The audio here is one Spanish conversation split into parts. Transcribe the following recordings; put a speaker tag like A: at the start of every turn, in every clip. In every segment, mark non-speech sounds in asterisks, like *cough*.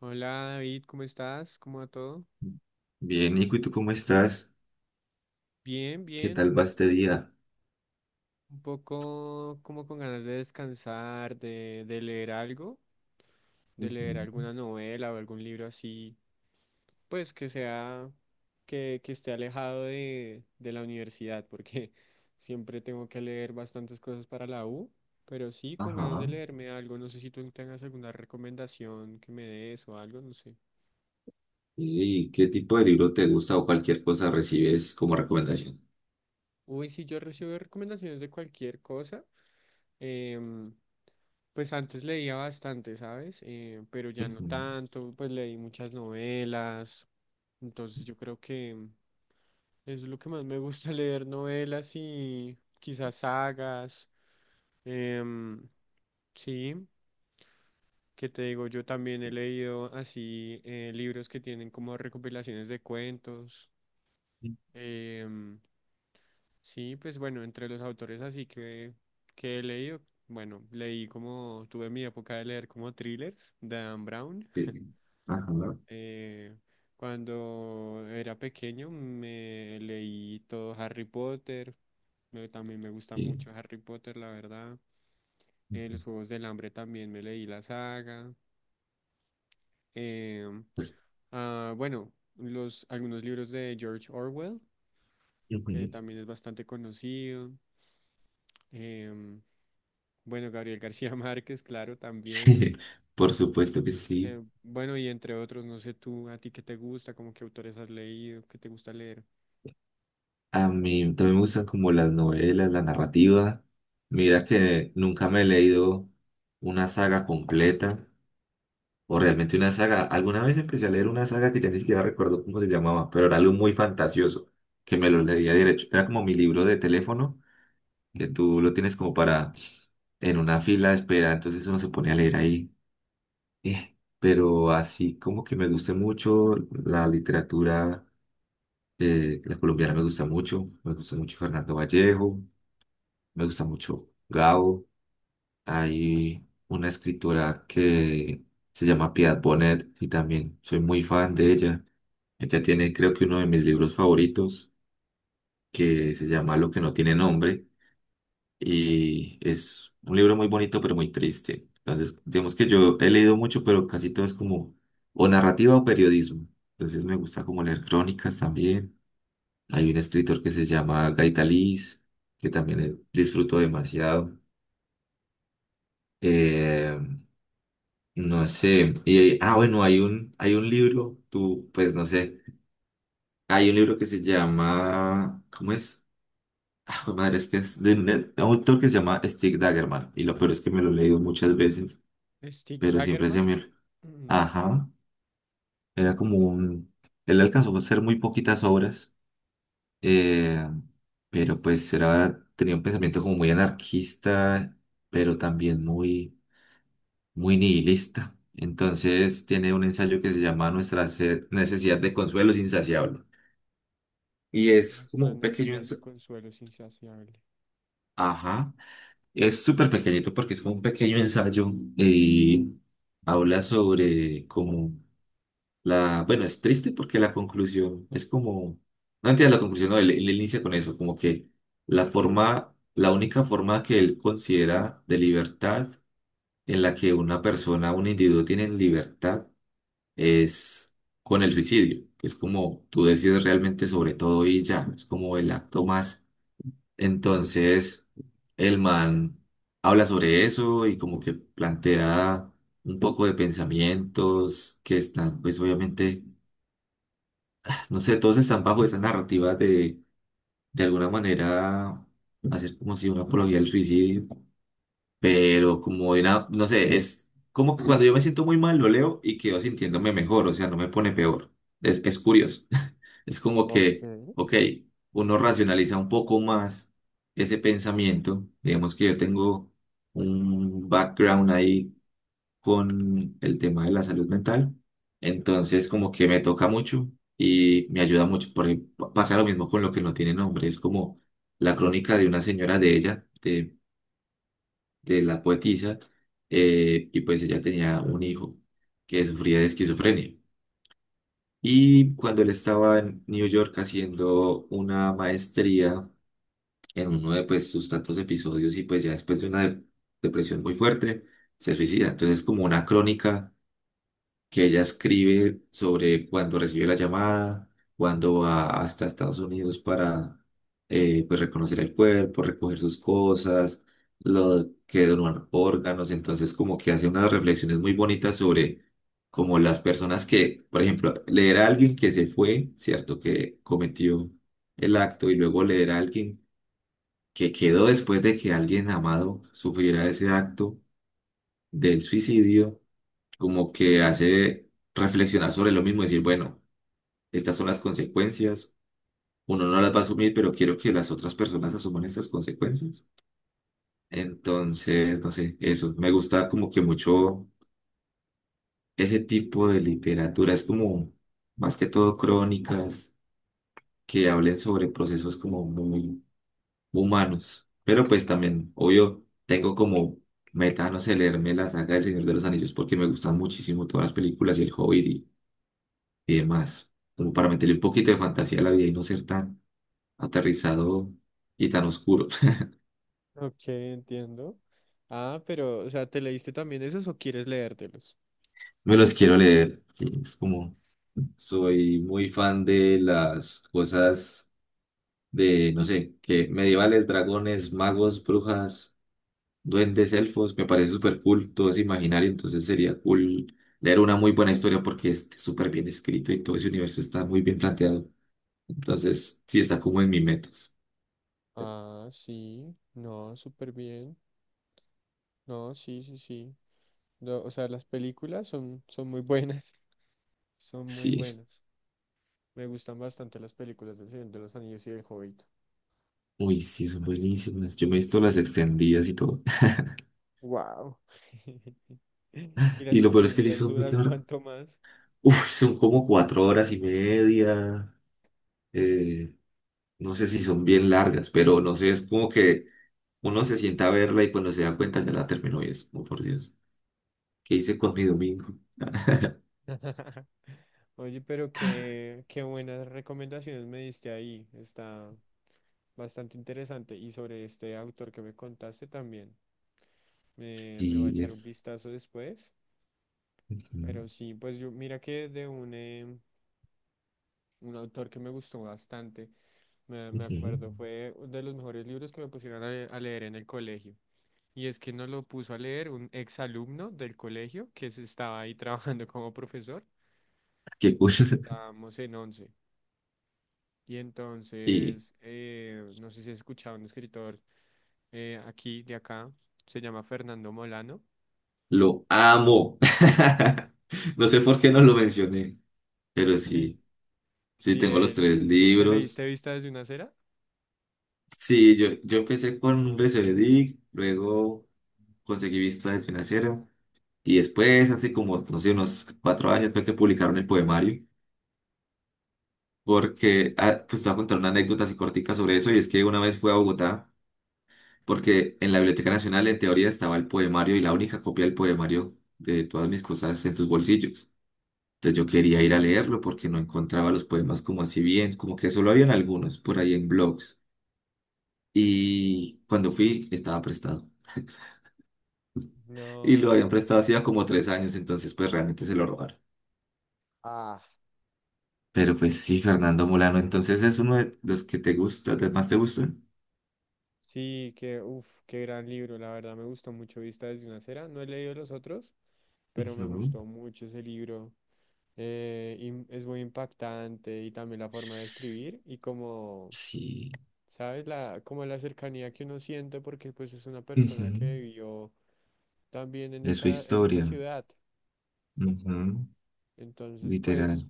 A: Hola David, ¿cómo estás? ¿Cómo va todo?
B: Bien, Nico, ¿y tú cómo estás?
A: Bien,
B: ¿Qué
A: bien,
B: tal va este día?
A: un poco como con ganas de descansar, de leer algo, de leer
B: Ujú.
A: alguna novela o algún libro así, pues que sea, que esté alejado de la universidad, porque *laughs* siempre tengo que leer bastantes cosas para la U, pero sí, con ganas de
B: Ajá.
A: leerme algo, no sé si tú tengas alguna recomendación que me des o algo, no sé.
B: ¿Y qué tipo de libro te gusta o cualquier cosa recibes como recomendación?
A: Uy, sí, yo recibo recomendaciones de cualquier cosa. Em, pues antes leía bastante, ¿sabes? Pero ya no
B: Ujú.
A: tanto, pues leí muchas novelas. Entonces yo creo que eso es lo que más me gusta *laughs* leer, novelas y quizás sagas. Em, sí, que te digo, yo también he leído así libros que tienen como recopilaciones de cuentos. em, Sí, pues bueno, entre los autores así que he leído, bueno, leí como, tuve mi época de leer como thrillers de Dan Brown.
B: Sí. Ajá.
A: Eh, Cuando era pequeño me leí todo Harry Potter, también me gusta
B: Sí.
A: mucho Harry Potter, la verdad. Los
B: Ujú.
A: Juegos del Hambre también me leí la saga. Eh,
B: Pues,
A: bueno, algunos libros de George Orwell, que
B: ujú. *laughs*
A: también es bastante conocido. Eh, Bueno, Gabriel García *laughs* Márquez, claro, también.
B: Sí, por supuesto que sí.
A: Bueno, y entre otros, no sé tú, a ti qué te gusta, como qué autores has leído, qué te gusta leer.
B: A mí también me gustan como las novelas, la narrativa. Mira que nunca me he leído una saga completa. O realmente una saga. Alguna vez empecé a leer una saga que ya ni siquiera recuerdo cómo se llamaba, pero era algo muy fantasioso, que me lo leía derecho. Era como mi libro de teléfono, que tú lo tienes como para en una fila de espera, entonces uno se pone a leer ahí. Pero así como que me gusta mucho la literatura, la colombiana me gusta mucho Fernando Vallejo, me gusta mucho Gabo. Hay una escritora que se llama Piedad Bonet y también soy muy fan de ella. Ella tiene, creo que uno de mis libros favoritos, que se llama Lo que no tiene nombre, y es un libro muy bonito pero muy triste. Entonces, digamos que yo he leído mucho, pero casi todo es como o narrativa o periodismo. Entonces me gusta como leer crónicas también. Hay un escritor que se llama Gaitaliz, que también disfruto demasiado. Eh, No sé. Y, ah, bueno, hay un libro, tú, pues no sé. Hay un libro que se llama, ¿cómo es? *laughs* Ah, jue madre, es que es de un autor que se llama Stig Dagerman. Y lo peor es que me lo he leído muchas veces,
A: Stig
B: pero siempre se
A: Dagerman,
B: me...
A: mm,
B: Ajá, era como un... Él alcanzó a hacer muy poquitas obras, eh, pero pues era, tenía un pensamiento como muy anarquista, pero también muy... muy nihilista. Entonces tiene un ensayo que se llama Nuestra necesidad de consuelo es insaciable. Y
A: *clears throat*
B: es como
A: Nuestra
B: un pequeño
A: necesidad de
B: ensayo,
A: consuelo es insaciable.
B: ajá, es súper pequeñito porque es como un pequeño ensayo y habla sobre como la, bueno, es triste porque la conclusión es como, no entiendo la conclusión, no, él inicia con eso, como que la forma, la única forma que él considera de libertad en la que una persona, un individuo tiene libertad es con el suicidio, que es como tú decides realmente sobre todo y ya, es como el
A: Mm.
B: acto más. Entonces, el man habla sobre eso y como que plantea un poco de pensamientos que están, pues obviamente, no sé, todos están bajo esa narrativa de alguna manera, hacer como si una apología del suicidio, pero como de una, no sé, es... Como que cuando yo me siento muy mal, lo leo y quedo sintiéndome mejor, o sea, no me pone peor. Es curioso. Es como
A: Ok.
B: que, ok, uno racionaliza un poco más ese pensamiento. Digamos que yo tengo un background ahí con el tema de la salud mental. Entonces, como que me toca mucho y me ayuda mucho. Pasa lo mismo con lo que no tiene nombre. Es como la crónica de una señora de ella, de la poetisa, y pues ella tenía un hijo que sufría de esquizofrenia. Y cuando él estaba en New York haciendo una maestría en uno de pues, sus tantos episodios y pues ya después de una depresión muy fuerte, se suicida. Entonces es como una crónica que ella escribe sobre cuando recibe la llamada, cuando va hasta Estados Unidos para pues reconocer el cuerpo, recoger sus cosas, lo que donan órganos, entonces como que hace unas reflexiones muy bonitas sobre como las personas que, por ejemplo, leer a alguien que se fue, ¿cierto? Que cometió el acto y luego leer a alguien que quedó después de que alguien amado sufriera ese acto del suicidio como que hace reflexionar sobre lo mismo, decir, bueno, estas son las consecuencias, uno no las va a asumir, pero quiero que las otras personas asuman estas consecuencias. Entonces, no sé, eso, me gusta como que mucho ese tipo de literatura, es como más que todo crónicas que hablen sobre procesos como muy humanos, pero pues también, obvio, tengo como... Meta, no sé, leerme la saga del Señor de los Anillos porque me gustan muchísimo todas las películas y el Hobbit y demás, como para meterle un poquito de fantasía a la vida y no ser tan aterrizado y tan oscuro. *laughs*
A: Ok, entiendo. Ah, pero, o sea, ¿te leíste también esos o quieres leértelos?
B: Me los quiero leer, sí, es como... Soy muy fan de las cosas de, no sé, que medievales, dragones, magos, brujas, duendes, elfos, me parece súper cool, todo es imaginario, entonces sería cool leer una muy buena historia porque es súper bien escrito y todo ese universo está muy bien planteado. Entonces, sí está como en mis metas.
A: Ah, sí, no, súper bien. No, sí, sí, sí. No, o sea, las películas son, son muy buenas, *laughs* son muy
B: Sí.
A: buenas. Me gustan bastante las películas del Señor de los Anillos y del Hobbit.
B: Uy, sí, son buenísimas. Yo me he visto las extendidas y todo. *laughs*
A: Wow. *laughs* Y
B: Y
A: las
B: lo peor es que sí
A: extendidas
B: son muy
A: duran
B: largas.
A: cuanto más.
B: Uy, son como 4 horas y media.
A: Ush.
B: Eh, no sé si son bien largas, pero no sé, es como que uno se sienta a verla y cuando se da cuenta ya la terminó y es como, por Dios, ¿qué hice con mi domingo?
A: *laughs* Oye, pero qué buenas recomendaciones me diste ahí. Está bastante interesante. Y sobre este autor que me contaste también. Le voy a
B: Y...
A: echar un vistazo después.
B: ujú,
A: Pero sí, pues yo, mira que de un autor que me gustó bastante, me
B: ujú.
A: acuerdo, fue de los mejores libros que me pusieron a, a leer en el colegio. Y es que nos lo puso a leer un exalumno del colegio que se estaba ahí *laughs* trabajando como profesor.
B: Qué
A: Y
B: cosa. *laughs*
A: estábamos en once. Y
B: Y
A: entonces, no sé si has escuchado un escritor aquí, de acá, se llama Fernando Molano.
B: lo amo. *laughs* No sé por qué no lo mencioné, pero
A: Sí,
B: sí, sí
A: sí,
B: tengo los
A: él.
B: tres
A: ¿Te leíste
B: libros.
A: Vista desde una acera?
B: Sí, yo empecé con un BCBDIC, luego conseguí vista de financiera y después, hace como, no sé, unos 4 años fue que publicaron el poemario, porque, ah, pues te voy a contar una anécdota así cortica sobre eso y es que una vez fui a Bogotá, porque en la Biblioteca Nacional en teoría estaba el poemario y la única copia del poemario de todas mis cosas en tus bolsillos. Entonces yo quería ir a leerlo porque no encontraba los poemas como así bien, como que solo habían algunos por ahí en blogs. Y cuando fui, estaba prestado. Y lo habían
A: No.
B: prestado hacía como 3 años, entonces pues realmente se lo robaron.
A: Ah,
B: Pero pues sí, Fernando Molano, entonces es uno de los que te gusta, de más te gustan.
A: sí, que, uff, qué gran libro, la verdad me gustó mucho Vista desde una acera. No he leído los otros, pero me
B: Ujú.
A: gustó mucho ese libro. Y es muy impactante y también la forma de escribir y como,
B: Sí.
A: ¿sabes? La, como la cercanía que uno siente porque pues es una
B: Ujú.
A: persona que vivió también
B: De su
A: en esta
B: historia.
A: ciudad.
B: Ujú.
A: Entonces,
B: Literal.
A: pues,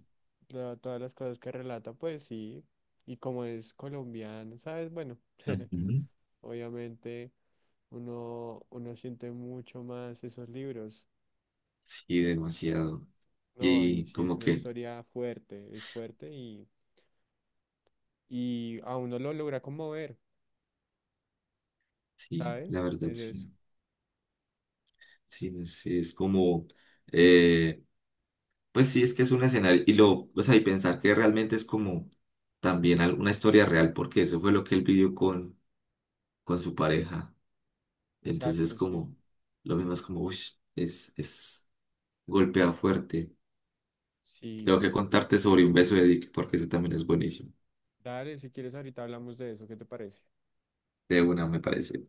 A: todas las cosas que relata, pues sí, y como es colombiano, ¿sabes? Bueno, *laughs*
B: Ujú.
A: obviamente. Uno, uno siente mucho más esos libros,
B: Sí, demasiado.
A: ¿no? Y
B: Y
A: si es
B: como
A: una
B: que,
A: historia fuerte, es fuerte y a uno lo logra conmover,
B: sí,
A: ¿sabes?
B: la verdad,
A: Es eso.
B: sí. Sí, no sé, es como, eh, pues sí, es que es un escenario. Y lo, o sea, y pensar que realmente es como también una historia real, porque eso fue lo que él vivió con su pareja. Entonces,
A: Exacto, sí.
B: como, lo mismo es como, uy, es golpea fuerte.
A: Sí.
B: Tengo que contarte sobre un beso de Dick porque ese también es buenísimo.
A: Dale, si quieres ahorita hablamos de eso, ¿qué te parece?
B: De una, me parece.